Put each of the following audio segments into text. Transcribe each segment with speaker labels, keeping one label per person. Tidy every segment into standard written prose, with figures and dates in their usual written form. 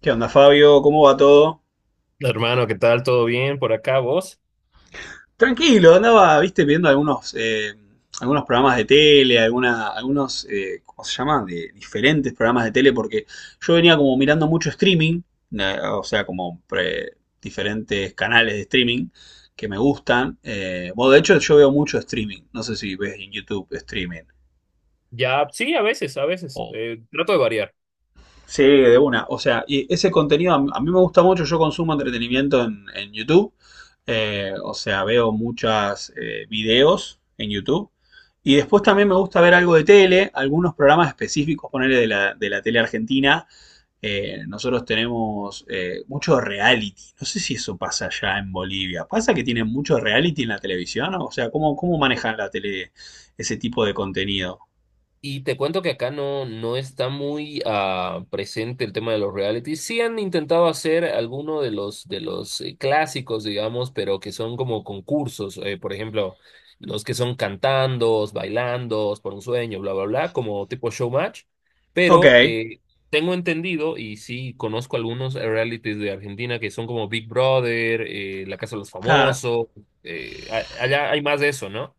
Speaker 1: ¿Qué onda, Fabio? ¿Cómo va todo?
Speaker 2: Hermano, ¿qué tal? ¿Todo bien por acá, vos?
Speaker 1: Tranquilo, andaba, viste, viendo algunos programas de tele, alguna, algunos, ¿cómo se llama? De diferentes programas de tele, porque yo venía como mirando mucho streaming, o sea, diferentes canales de streaming que me gustan. Bueno, de hecho, yo veo mucho streaming. No sé si ves en YouTube streaming.
Speaker 2: Ya, sí, a veces, a veces. Trato de variar.
Speaker 1: Sí, de una. O sea, y ese contenido a mí me gusta mucho. Yo consumo entretenimiento en YouTube. O sea, veo muchos videos en YouTube. Y después también me gusta ver algo de tele, algunos programas específicos, ponerle de la tele argentina. Nosotros tenemos mucho reality. No sé si eso pasa allá en Bolivia. ¿Pasa que tienen mucho reality en la televisión? O sea, ¿cómo manejan la tele ese tipo de contenido?
Speaker 2: Y te cuento que acá no, no está muy presente el tema de los realities. Sí han intentado hacer alguno de los clásicos, digamos, pero que son como concursos. Por ejemplo, los que son cantandos, bailandos, por un sueño, bla, bla, bla, como tipo showmatch.
Speaker 1: Ok,
Speaker 2: Pero eh, Tengo entendido, y sí conozco algunos realities de Argentina que son como Big Brother, La Casa de los
Speaker 1: claro.
Speaker 2: Famosos. Allá hay más de eso, ¿no?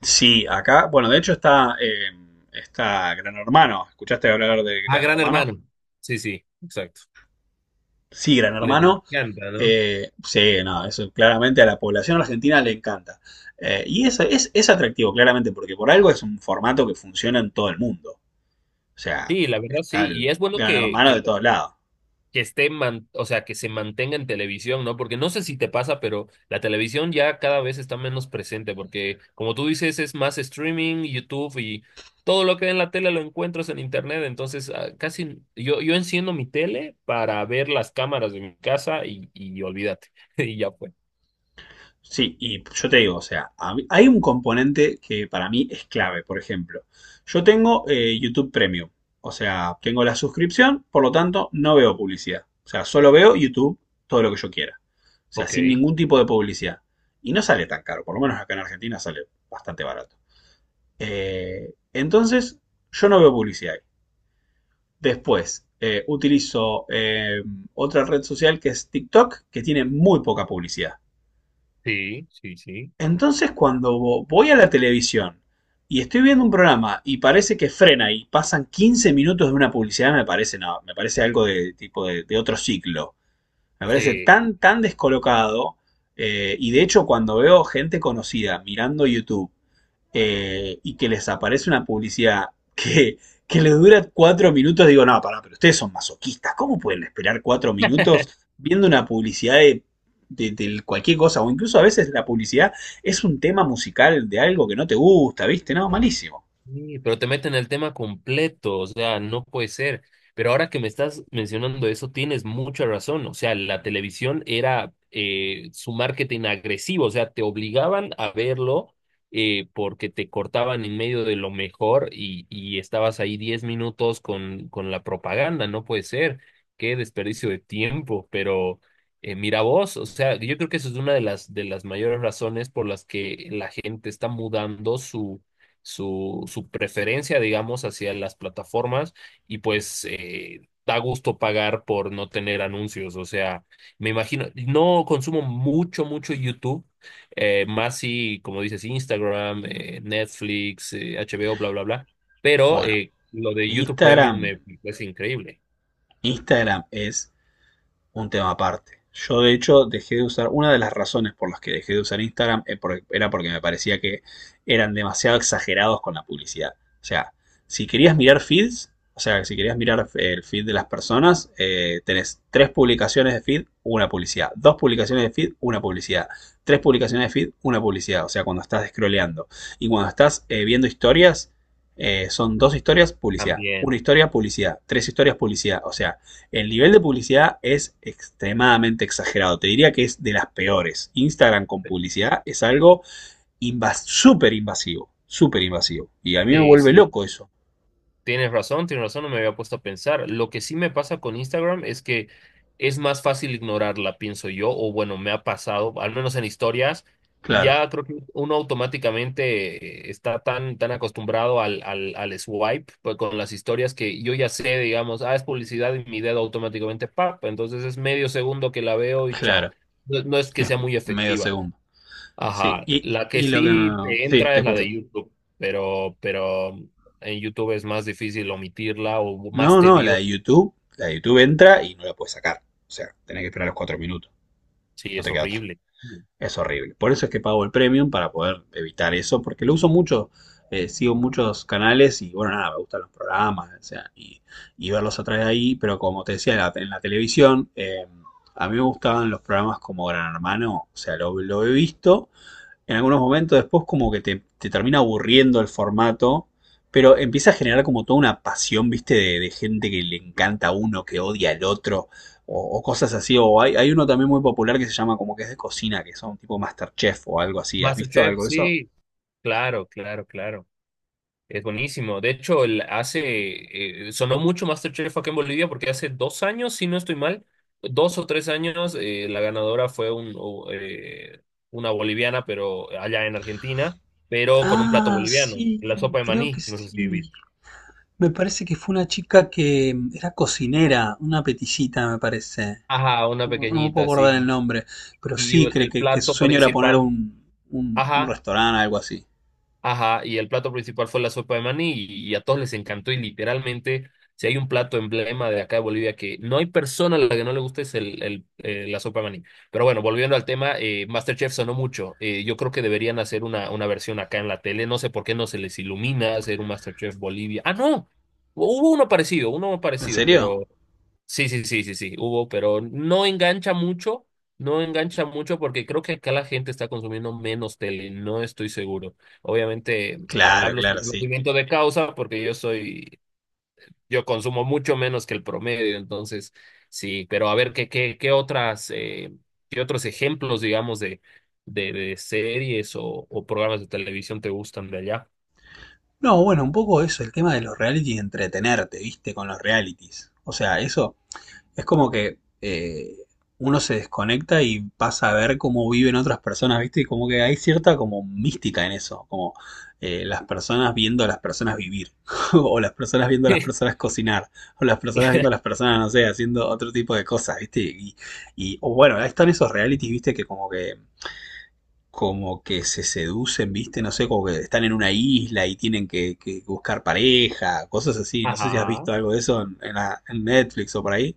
Speaker 1: Sí, acá, bueno, de hecho está, está Gran Hermano. ¿Escuchaste hablar de
Speaker 2: Ah,
Speaker 1: Gran
Speaker 2: Gran
Speaker 1: Hermano?
Speaker 2: Hermano. Sí, sí, exacto.
Speaker 1: Sí, Gran
Speaker 2: Les
Speaker 1: Hermano.
Speaker 2: encanta, ¿no?
Speaker 1: Sí, no, eso claramente a la población argentina le encanta. Y eso es atractivo, claramente, porque por algo es un formato que funciona en todo el mundo. O sea,
Speaker 2: Sí, la verdad
Speaker 1: está
Speaker 2: sí, y
Speaker 1: el
Speaker 2: es bueno
Speaker 1: Gran Hermano de todos lados.
Speaker 2: que esté, o sea, que se mantenga en televisión, ¿no? Porque no sé si te pasa, pero la televisión ya cada vez está menos presente, porque como tú dices, es más streaming, YouTube y todo lo que hay en la tele lo encuentras en internet, entonces casi yo, yo enciendo mi tele para ver las cámaras de mi casa y olvídate, y ya fue.
Speaker 1: Sí, y yo te digo, o sea, a mí- hay un componente que para mí es clave, por ejemplo. Yo tengo YouTube Premium, o sea, tengo la suscripción, por lo tanto, no veo publicidad. O sea, solo veo YouTube todo lo que yo quiera. O sea,
Speaker 2: Ok,
Speaker 1: sin ningún tipo de publicidad. Y no sale tan caro, por lo menos acá en Argentina sale bastante barato. Entonces, yo no veo publicidad ahí. Después, utilizo otra red social que es TikTok, que tiene muy poca publicidad.
Speaker 2: sí, sí, sí.
Speaker 1: Entonces, cuando voy a la televisión y estoy viendo un programa y parece que frena y pasan 15 minutos de una publicidad, me parece no, me parece algo de tipo de otro ciclo. Me parece
Speaker 2: Sí.
Speaker 1: tan descolocado. Y de hecho, cuando veo gente conocida mirando YouTube y que les aparece una publicidad que, que les dura 4 minutos, digo, no, pará, pero ustedes son masoquistas, ¿cómo pueden esperar 4 minutos viendo una publicidad de cualquier cosa? O incluso a veces la publicidad es un tema musical de algo que no te gusta, ¿viste? No, malísimo.
Speaker 2: Sí, pero te meten el tema completo, o sea, no puede ser. Pero ahora que me estás mencionando eso, tienes mucha razón. O sea, la televisión era su marketing agresivo, o sea, te obligaban a verlo porque te cortaban en medio de lo mejor y estabas ahí 10 minutos con la propaganda, no puede ser. Qué desperdicio de tiempo, pero mira vos, o sea, yo creo que eso es una de las mayores razones por las que la gente está mudando su preferencia, digamos, hacia las plataformas y pues da gusto pagar por no tener anuncios. O sea, me imagino, no consumo mucho, mucho YouTube, más si, como dices, Instagram, Netflix, HBO, bla, bla, bla, pero
Speaker 1: Bueno,
Speaker 2: lo de YouTube Premium me
Speaker 1: Instagram,
Speaker 2: parece increíble
Speaker 1: Instagram es un tema aparte. Yo de hecho dejé de usar, una de las razones por las que dejé de usar Instagram era porque me parecía que eran demasiado exagerados con la publicidad. O sea, si querías mirar feeds, o sea, si querías mirar el feed de las personas, tenés tres publicaciones de feed, una publicidad. Dos publicaciones de feed, una publicidad. Tres publicaciones de feed, una publicidad. O sea, cuando estás scrolleando. Y cuando estás viendo historias, son dos historias, publicidad.
Speaker 2: también.
Speaker 1: Una historia, publicidad. Tres historias, publicidad. O sea, el nivel de publicidad es extremadamente exagerado. Te diría que es de las peores. Instagram con publicidad es algo invas súper invasivo. Súper invasivo. Y a mí me
Speaker 2: Sí,
Speaker 1: vuelve
Speaker 2: sí,
Speaker 1: loco eso.
Speaker 2: tienes razón, tienes razón, no me había puesto a pensar. Lo que sí me pasa con Instagram es que es más fácil ignorarla, pienso yo, o bueno, me ha pasado, al menos en historias,
Speaker 1: Claro,
Speaker 2: ya creo que uno automáticamente está tan, tan acostumbrado al swipe pues, con las historias que yo ya sé, digamos, ah, es publicidad y mi dedo automáticamente, pap, entonces es medio segundo que la veo y chao.
Speaker 1: claro.
Speaker 2: No, no es que
Speaker 1: Es
Speaker 2: sea muy
Speaker 1: medio
Speaker 2: efectiva.
Speaker 1: segundo. Sí,
Speaker 2: Ajá,
Speaker 1: y,
Speaker 2: la que
Speaker 1: y lo que
Speaker 2: sí
Speaker 1: me...
Speaker 2: te
Speaker 1: Sí,
Speaker 2: entra
Speaker 1: te
Speaker 2: es la de
Speaker 1: escucho.
Speaker 2: YouTube, pero en YouTube es más difícil omitirla o más
Speaker 1: No, no, la
Speaker 2: tedioso.
Speaker 1: de YouTube. La de YouTube entra y no la puedes sacar. O sea, tenés que esperar los 4 minutos.
Speaker 2: Sí,
Speaker 1: No
Speaker 2: es
Speaker 1: te queda otra.
Speaker 2: horrible.
Speaker 1: Es horrible. Por eso es que pago el premium para poder evitar eso, porque lo uso mucho, sigo muchos canales y bueno, nada, me gustan los programas, y verlos a través de ahí, pero como te decía, en la televisión, a mí me gustaban los programas como Gran Hermano, o sea, lo he visto, en algunos momentos después como que te termina aburriendo el formato, pero empieza a generar como toda una pasión, viste, de gente que le encanta a uno, que odia al otro, o cosas así, o hay uno también muy popular que se llama como que es de cocina, que son tipo Masterchef o algo así, ¿has visto
Speaker 2: MasterChef,
Speaker 1: algo de eso?
Speaker 2: sí, claro, claro, claro. Es buenísimo. De hecho, hace, sonó mucho MasterChef acá en Bolivia porque hace 2 años, si no estoy mal, 2 o 3 años, la ganadora fue una boliviana, pero allá en Argentina, pero con un plato
Speaker 1: Ah,
Speaker 2: boliviano, la
Speaker 1: sí,
Speaker 2: sopa de
Speaker 1: creo que
Speaker 2: maní, no sé si
Speaker 1: sí.
Speaker 2: viste.
Speaker 1: Me parece que fue una chica que era cocinera, una peticita, me parece.
Speaker 2: Ajá, una
Speaker 1: No, no me puedo
Speaker 2: pequeñita,
Speaker 1: acordar el
Speaker 2: sí.
Speaker 1: nombre, pero
Speaker 2: Y
Speaker 1: sí,
Speaker 2: el
Speaker 1: que su
Speaker 2: plato
Speaker 1: sueño era poner
Speaker 2: principal,
Speaker 1: un
Speaker 2: ajá,
Speaker 1: restaurante, algo así.
Speaker 2: ajá, y el plato principal fue la sopa de maní y a todos les encantó y literalmente, si hay un plato emblema de acá de Bolivia que no hay persona a la que no le guste es la sopa de maní. Pero bueno, volviendo al tema, MasterChef sonó mucho. Yo creo que deberían hacer una versión acá en la tele. No sé por qué no se les ilumina hacer un MasterChef Bolivia. Ah, no, hubo uno
Speaker 1: ¿En
Speaker 2: parecido,
Speaker 1: serio?
Speaker 2: pero... Sí, sí, sí, sí, sí, hubo, pero no engancha mucho, no engancha mucho porque creo que acá la gente está consumiendo menos tele, no estoy seguro. Obviamente,
Speaker 1: Claro,
Speaker 2: hablo sin
Speaker 1: claro, sí.
Speaker 2: conocimiento de causa porque yo soy, yo consumo mucho menos que el promedio, entonces sí, pero a ver qué otras, qué otros ejemplos, digamos, de series o programas de televisión te gustan de allá.
Speaker 1: No, bueno, un poco eso, el tema de los reality y entretenerte, viste, con los realities. O sea, eso es como que uno se desconecta y pasa a ver cómo viven otras personas, ¿viste? Y como que hay cierta como mística en eso, como las personas viendo a las personas vivir, o las personas viendo a las personas cocinar, o las personas viendo a las personas, no sé, haciendo otro tipo de cosas, ¿viste? Y o bueno, ahí están esos realities, ¿viste? Que como que se seducen, ¿viste? No sé, como que están en una isla y tienen que buscar pareja, cosas así. No sé si has
Speaker 2: Ajá.
Speaker 1: visto algo de eso en Netflix o por ahí.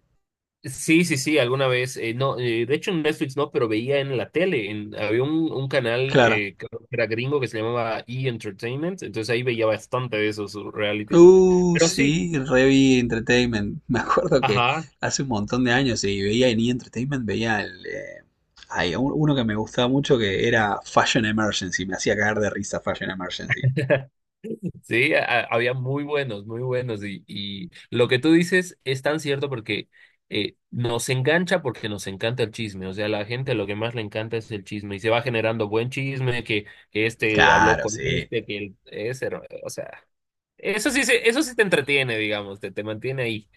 Speaker 2: Sí, sí, sí, alguna vez, no, de hecho en Netflix no, pero veía en la tele, en, había un canal
Speaker 1: Claro.
Speaker 2: creo que era gringo que se llamaba E! Entertainment, entonces ahí veía bastante de esos realities, pero sí,
Speaker 1: Sí, Revi Entertainment. Me acuerdo que
Speaker 2: ajá.
Speaker 1: hace un montón de años y veía en E! Entertainment, veía uno que me gustaba mucho que era Fashion Emergency. Me hacía cagar de risa Fashion Emergency.
Speaker 2: Sí, había muy buenos, muy buenos. Y lo que tú dices es tan cierto porque nos engancha porque nos encanta el chisme. O sea, a la gente lo que más le encanta es el chisme y se va generando buen chisme, que este habló
Speaker 1: Claro,
Speaker 2: con
Speaker 1: sí.
Speaker 2: este, ese, o sea, eso sí, se, eso sí te entretiene, digamos, te mantiene ahí.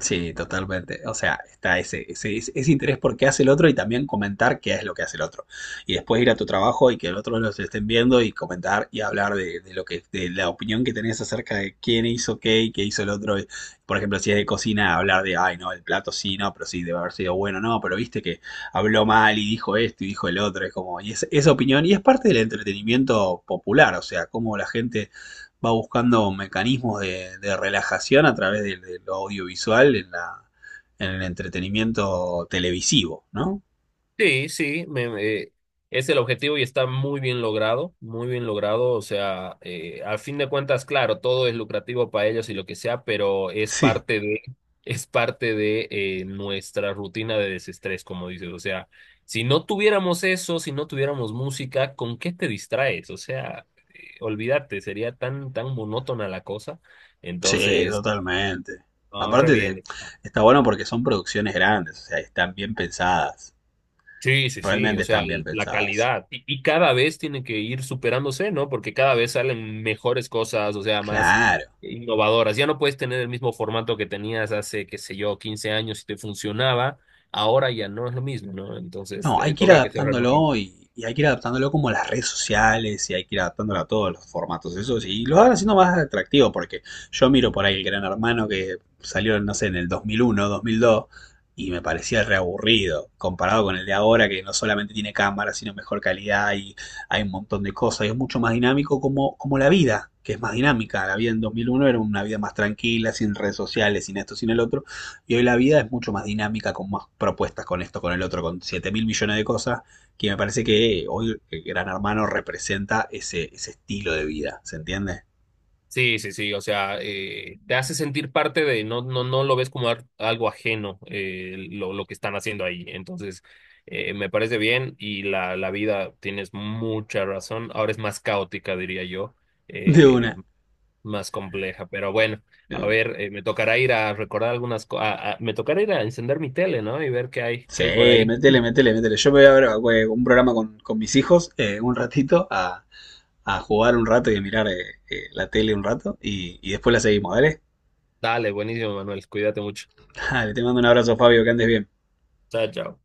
Speaker 1: Sí, totalmente. O sea, está ese interés por qué hace el otro y también comentar qué es lo que hace el otro. Y después ir a tu trabajo y que el otro los estén viendo y comentar y hablar de lo que, de la opinión que tenés acerca de quién hizo qué y qué hizo el otro. Y, por ejemplo, si es de cocina, hablar de, ay, no, el plato sí, no, pero sí, debe haber sido bueno, no, pero viste que habló mal y dijo esto y dijo el otro. Es como, y es- Esa opinión, y es parte del entretenimiento popular, o sea, cómo la gente va buscando mecanismos de relajación a través de lo audiovisual en el entretenimiento televisivo, ¿no?
Speaker 2: Sí, sí, es el objetivo y está muy bien logrado, muy bien logrado. O sea, a fin de cuentas, claro, todo es lucrativo para ellos y lo que sea, pero es
Speaker 1: Sí.
Speaker 2: parte de, es parte de nuestra rutina de desestrés, como dices. O sea, si no tuviéramos eso, si no tuviéramos música, ¿con qué te distraes? O sea, olvídate, sería tan, tan monótona la cosa.
Speaker 1: Sí,
Speaker 2: Entonces,
Speaker 1: totalmente.
Speaker 2: no, re
Speaker 1: Aparte de,
Speaker 2: bien.
Speaker 1: está bueno porque son producciones grandes, o sea, están bien pensadas.
Speaker 2: Sí, sí, sí,
Speaker 1: Realmente
Speaker 2: o sea,
Speaker 1: están bien
Speaker 2: la
Speaker 1: pensadas.
Speaker 2: calidad. Y cada vez tiene que ir superándose, ¿no? Porque cada vez salen mejores cosas, o sea, más
Speaker 1: Claro.
Speaker 2: innovadoras. Ya no puedes tener el mismo formato que tenías hace, qué sé yo, 15 años y te funcionaba. Ahora ya no es lo mismo, ¿no? Entonces,
Speaker 1: No, hay que ir
Speaker 2: toca que se renueve.
Speaker 1: adaptándolo y hay que ir adaptándolo como a las redes sociales y hay que ir adaptándolo a todos los formatos esos y lo van haciendo más atractivo porque yo miro por ahí el Gran Hermano que salió, no sé, en el 2001, 2002 y me parecía reaburrido comparado con el de ahora que no solamente tiene cámara sino mejor calidad y hay un montón de cosas y es mucho más dinámico como la vida, que es más dinámica. La vida en 2001 era una vida más tranquila, sin redes sociales, sin esto, sin el otro y hoy la vida es mucho más dinámica, con más propuestas, con esto, con el otro, con 7 mil millones de cosas, que me parece que hoy el Gran Hermano representa ese estilo de vida, ¿se entiende?
Speaker 2: Sí, sí, sí, o sea, te hace sentir parte de, no, no, no lo ves como algo ajeno lo que están haciendo ahí. Entonces, me parece bien y la vida, tienes mucha razón, ahora es más caótica, diría yo,
Speaker 1: De
Speaker 2: eh,
Speaker 1: una,
Speaker 2: más compleja, pero bueno,
Speaker 1: de
Speaker 2: a
Speaker 1: una.
Speaker 2: ver, me tocará ir a recordar algunas cosas, me tocará ir a encender mi tele, ¿no? Y ver qué
Speaker 1: Sí,
Speaker 2: hay por ahí.
Speaker 1: métele, métele, métele. Yo me voy a ver un programa con mis hijos un ratito a jugar un rato y a mirar la tele un rato y después la seguimos, ¿vale?
Speaker 2: Dale, buenísimo, Manuel, cuídate mucho.
Speaker 1: Dale, te mando un abrazo, Fabio, que andes bien.
Speaker 2: Chao, chao.